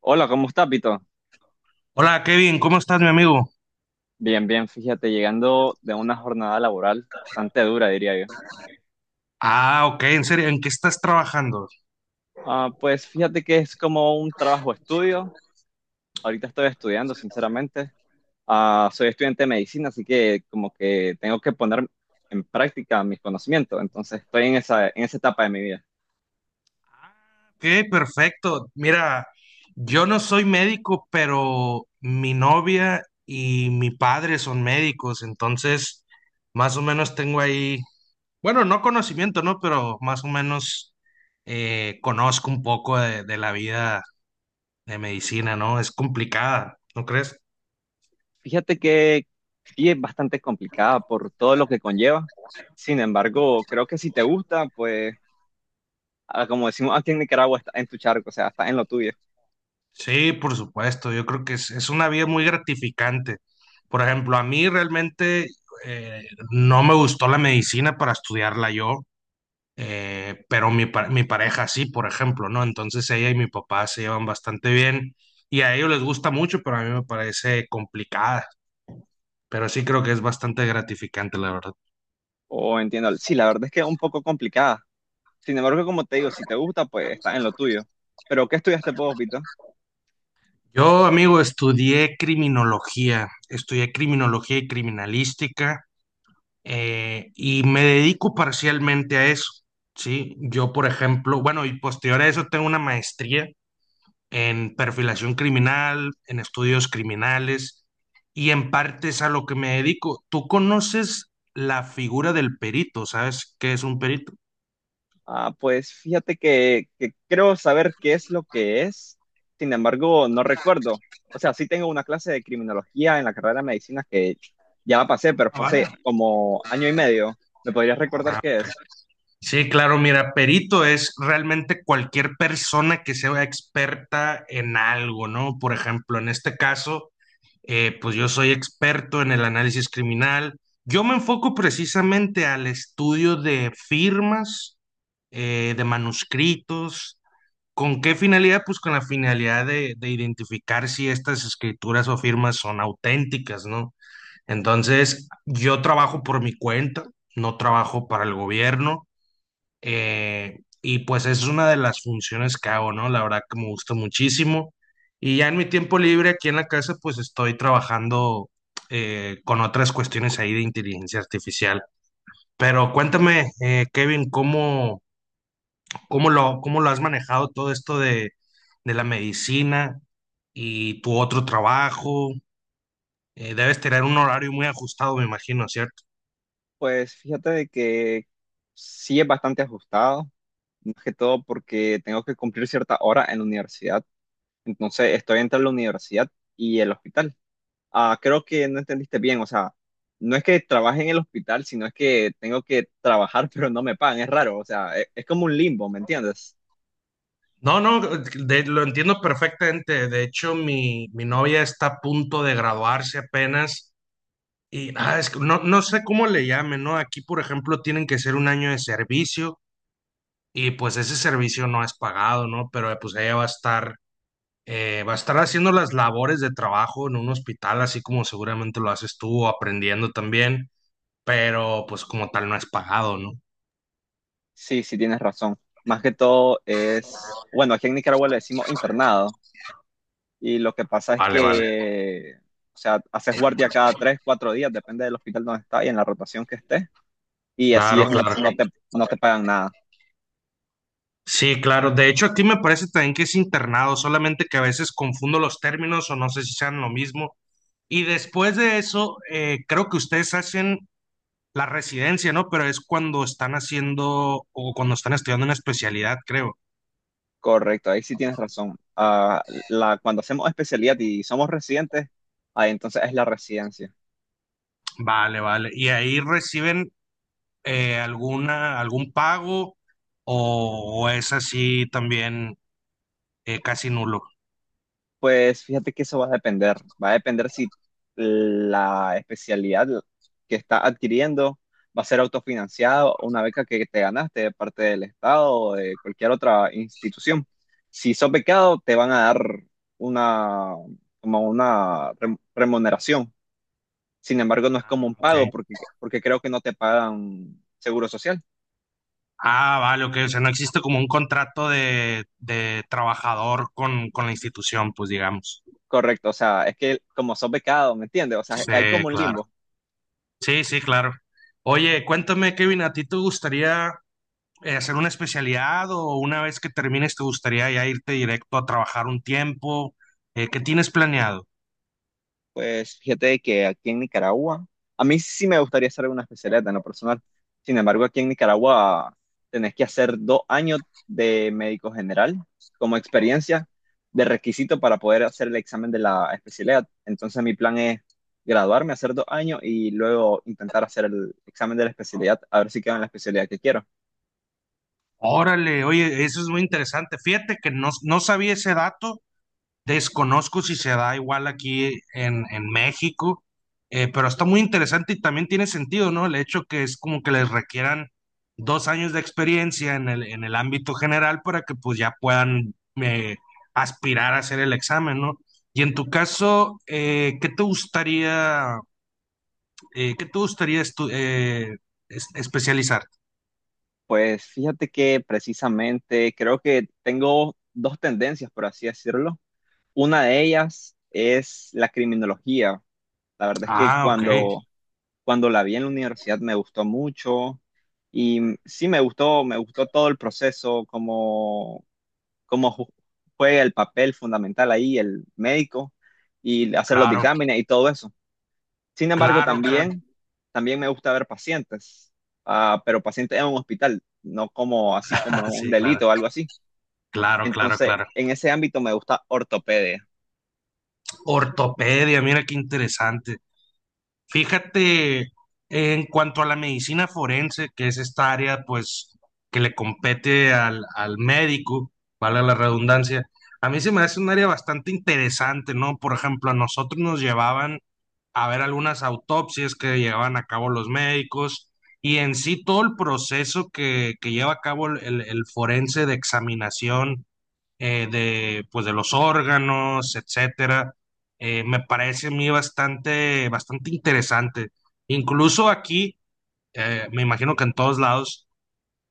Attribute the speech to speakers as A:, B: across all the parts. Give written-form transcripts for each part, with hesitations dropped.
A: Hola, ¿cómo estás, Pito?
B: Hola Kevin, ¿cómo estás, mi amigo?
A: Bien, bien, fíjate, llegando de una jornada laboral bastante dura, diría yo.
B: Ah, ok, en serio, ¿en qué estás trabajando?
A: Ah, pues fíjate que es como un trabajo-estudio. Ahorita estoy estudiando, sinceramente. Ah, soy estudiante de medicina, así que como que tengo que poner en práctica mis conocimientos. Entonces estoy en esa etapa de mi vida.
B: Ok, perfecto. Mira, yo no soy médico, pero mi novia y mi padre son médicos, entonces más o menos tengo ahí, bueno, no conocimiento, ¿no? Pero más o menos conozco un poco de la vida de medicina, ¿no? Es complicada, ¿no crees?
A: Fíjate que sí es bastante complicada por todo lo que conlleva. Sin embargo, creo que si te gusta, pues como decimos aquí en Nicaragua, está en tu charco, o sea, está en lo tuyo.
B: Sí, por supuesto, yo creo que es una vida muy gratificante. Por ejemplo, a mí realmente eh, no me gustó la medicina para estudiarla yo, pero mi pareja sí, por ejemplo, ¿no? Entonces ella y mi papá se llevan bastante bien y a ellos les gusta mucho, pero a mí me parece complicada, pero sí creo que es bastante gratificante, la verdad.
A: O entiendo, sí, la verdad es que es un poco complicada. Sin embargo, como te digo, si te gusta, pues está en lo tuyo. Pero, ¿qué estudiaste vos, Vito?
B: Yo, amigo, estudié criminología y criminalística. Y me dedico parcialmente a eso, ¿sí? Yo, por ejemplo, bueno, y posterior a eso tengo una maestría en perfilación criminal, en estudios criminales, y en parte es a lo que me dedico. ¿Tú conoces la figura del perito? ¿Sabes qué es un perito?
A: Ah, pues fíjate que creo saber qué es lo que es. Sin embargo, no recuerdo. O sea, sí tengo una clase de criminología en la carrera de medicina que ya la pasé, pero
B: Ah,
A: fue hace
B: vale.
A: como año y medio. ¿Me podrías recordar qué es?
B: Sí, claro, mira, perito es realmente cualquier persona que sea experta en algo, ¿no? Por ejemplo, en este caso pues yo soy experto en el análisis criminal. Yo me enfoco precisamente al estudio de firmas, de manuscritos. ¿Con qué finalidad? Pues con la finalidad de identificar si estas escrituras o firmas son auténticas, ¿no? Entonces, yo trabajo por mi cuenta, no trabajo para el gobierno. Y pues es una de las funciones que hago, ¿no? La verdad que me gusta muchísimo. Y ya en mi tiempo libre aquí en la casa, pues estoy trabajando con otras cuestiones ahí de inteligencia artificial. Pero cuéntame, Kevin, ¿cómo lo has manejado todo esto de la medicina y tu otro trabajo? Debes tener un horario muy ajustado, me imagino, ¿cierto?
A: Pues fíjate de que sí es bastante ajustado, más que todo porque tengo que cumplir cierta hora en la universidad. Entonces estoy entre la universidad y el hospital. Ah, creo que no entendiste bien, o sea, no es que trabaje en el hospital, sino es que tengo que trabajar, pero no me pagan, es raro, o sea, es, como un limbo, ¿me entiendes?
B: No, no, de- lo entiendo perfectamente. De hecho, mi novia está a punto de graduarse apenas y ah, es que no, no sé cómo le llamen, ¿no? Aquí, por ejemplo, tienen que ser un año de servicio y pues ese servicio no es pagado, ¿no? Pero pues ella va a estar, va a estar haciendo las labores de trabajo en un hospital, así como seguramente lo haces tú, o aprendiendo también, pero pues como tal no es pagado, ¿no?
A: Sí, sí, tienes razón. Más que todo es, bueno, aquí en Nicaragua le decimos internado, y lo que pasa es
B: Vale, vale.
A: que, o sea, haces guardia cada tres, cuatro días, depende del hospital donde estás y en la rotación que estés, y así
B: Claro,
A: es, no,
B: claro.
A: no te pagan nada.
B: Sí, claro. De hecho, aquí me parece también que es internado, solamente que a veces confundo los términos o no sé si sean lo mismo. Y después de eso, creo que ustedes hacen la residencia, ¿no? Pero es cuando están haciendo o cuando están estudiando una especialidad, creo.
A: Correcto, ahí sí tienes razón. Ah, cuando hacemos especialidad y somos residentes, ahí entonces es la residencia.
B: Vale, vale. ¿Y ahí reciben algún pago o es así también casi nulo?
A: Pues fíjate que eso va a depender. Va a depender si la especialidad que está adquiriendo va a ser autofinanciado, una beca que te ganaste de parte del Estado o de cualquier otra institución. Si sos becado, te van a dar una, como una remuneración. Sin embargo, no es
B: Ah,
A: como un pago
B: ok.
A: porque creo que no te pagan seguro social.
B: Ah, vale, ok. O sea, no existe como un contrato de trabajador con la institución, pues digamos.
A: Correcto, o sea, es que como sos becado, ¿me entiendes? O sea, hay
B: Sí,
A: como un
B: claro.
A: limbo.
B: Sí, sí, claro. Oye, cuéntame, Kevin, ¿a ti te gustaría hacer una especialidad o una vez que termines te gustaría ya irte directo a trabajar un tiempo? ¿Qué tienes planeado?
A: Pues fíjate que aquí en Nicaragua, a mí sí me gustaría hacer una especialidad en lo personal. Sin embargo, aquí en Nicaragua tenés que hacer 2 años de médico general como experiencia de requisito para poder hacer el examen de la especialidad. Entonces mi plan es graduarme, hacer 2 años y luego intentar hacer el examen de la especialidad, a ver si quedo en la especialidad que quiero.
B: Órale, oye, eso es muy interesante. Fíjate que no, no sabía ese dato. Desconozco si se da igual aquí en México, pero está muy interesante y también tiene sentido, ¿no? El hecho que es como que les requieran 2 años de experiencia en el ámbito general para que pues ya puedan eh, aspirar a hacer el examen, ¿no? Y en tu caso, ¿qué te gustaría, eh, qué te gustaría estu- eh, especializar?
A: Pues fíjate que precisamente creo que tengo dos tendencias, por así decirlo. Una de ellas es la criminología. La verdad es que
B: Ah, ok,
A: cuando la vi en la universidad me gustó mucho y sí me gustó todo el proceso, cómo juega el papel fundamental ahí el médico y hacer los
B: claro,
A: dictámenes y todo eso. Sin embargo,
B: claro, claro,
A: también me gusta ver pacientes, ah, pero pacientes en un hospital, no como así como un
B: sí, claro,
A: delito o algo así.
B: claro, claro,
A: Entonces,
B: claro.
A: en ese ámbito me gusta ortopedia.
B: Ortopedia, mira qué interesante. Fíjate, en cuanto a la medicina forense, que es esta área, pues, que le compete al médico, vale la redundancia, a mí se me hace un área bastante interesante, ¿no? Por ejemplo, a nosotros nos llevaban a ver algunas autopsias que llevaban a cabo los médicos y en sí todo el proceso que lleva a cabo el forense de examinación pues, de los órganos, etcétera. Me parece a mí bastante, bastante interesante. Incluso aquí, me imagino que en todos lados,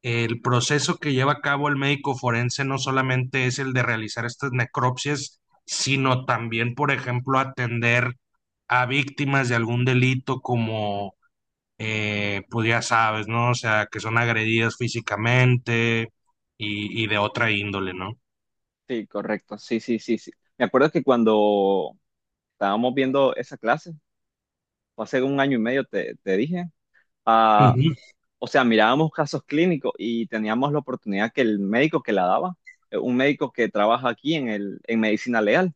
B: el proceso que lleva a cabo el médico forense no solamente es el de realizar estas necropsias, sino también, por ejemplo, atender a víctimas de algún delito como, pues ya sabes, ¿no? O sea, que son agredidas físicamente y de otra índole, ¿no?
A: Sí, correcto. Sí, sí, sí, sí. Me acuerdo que cuando estábamos viendo esa clase, o hace un año y medio te dije, ah,
B: Ujú.
A: o sea, mirábamos casos clínicos y teníamos la oportunidad que el médico que la daba, un médico que trabaja aquí en el, en medicina legal.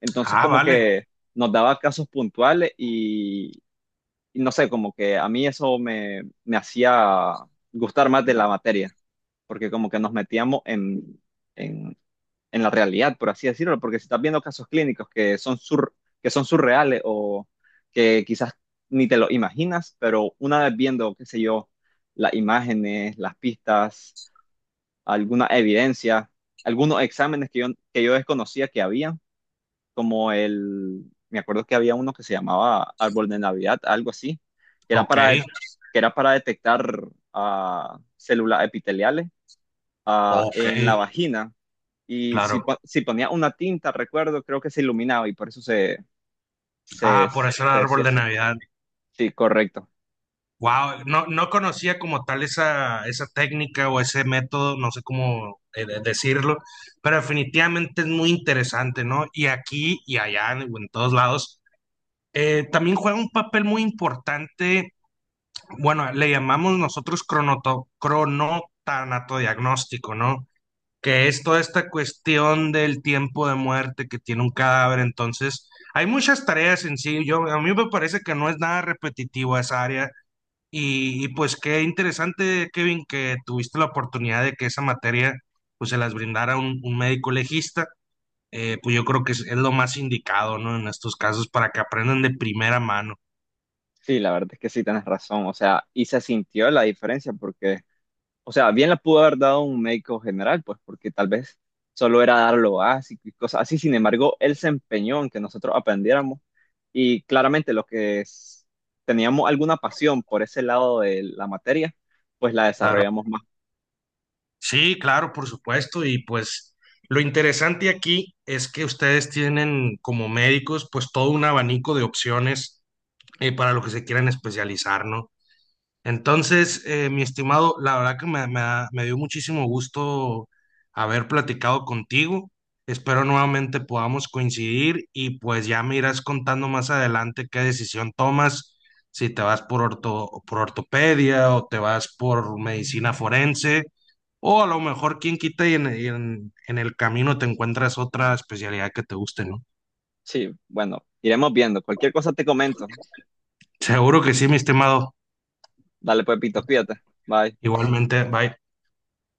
A: Entonces,
B: Ah,
A: como
B: vale.
A: que nos daba casos puntuales y no sé, como que a mí eso me hacía gustar más de la materia, porque como que nos metíamos en, en la realidad, por así decirlo, porque si estás viendo casos clínicos que que son surreales o que quizás ni te lo imaginas, pero una vez viendo, qué sé yo, las imágenes, las pistas, alguna evidencia, algunos exámenes que yo desconocía que había como el, me acuerdo que había uno que se llamaba Árbol de Navidad, algo así,
B: Ok,
A: que era para detectar células epiteliales
B: ok,
A: en la vagina. Y si,
B: claro.
A: si ponía una tinta, recuerdo, creo que se iluminaba y por eso se, se,
B: Ah, por
A: se
B: eso el árbol
A: decía
B: de
A: así.
B: Navidad.
A: Sí, correcto.
B: Wow, no, no conocía como tal esa, esa técnica o ese método, no sé cómo decirlo, pero definitivamente es muy interesante, ¿no? Y aquí y allá, en todos lados, también juega un papel muy importante, bueno, le llamamos nosotros cronoto, cronotanatodiagnóstico, ¿no? Que es toda esta cuestión del tiempo de muerte que tiene un cadáver. Entonces, hay muchas tareas en sí. Yo, a mí me parece que no es nada repetitivo esa área. Y pues qué interesante, Kevin, que tuviste la oportunidad de que esa materia pues se las brindara un médico legista. Pues yo creo que es lo más indicado, ¿no? En estos casos para que aprendan de primera mano.
A: Sí, la verdad es que sí, tienes razón. O sea, y se sintió la diferencia porque o sea, bien la pudo haber dado un médico general, pues porque tal vez solo era dar lo básico y cosas así. Sin embargo, él se empeñó en que nosotros aprendiéramos y claramente lo que teníamos alguna pasión por ese lado de la materia, pues la
B: Claro.
A: desarrollamos más.
B: Sí, claro, por supuesto. Y pues lo interesante aquí es que ustedes tienen como médicos pues todo un abanico de opciones para lo que se quieran especializar, ¿no? Entonces, mi estimado, la verdad que me dio muchísimo gusto haber platicado contigo. Espero nuevamente podamos coincidir y pues ya me irás contando más adelante qué decisión tomas, si te vas por orto, por ortopedia o te vas por medicina forense o a lo mejor quién quita y en el camino te encuentras otra especialidad que te guste, ¿no?
A: Sí, bueno, iremos viendo. Cualquier cosa te comento.
B: Seguro que sí, mi estimado.
A: Dale pues, Pito, cuídate. Bye.
B: Igualmente, bye.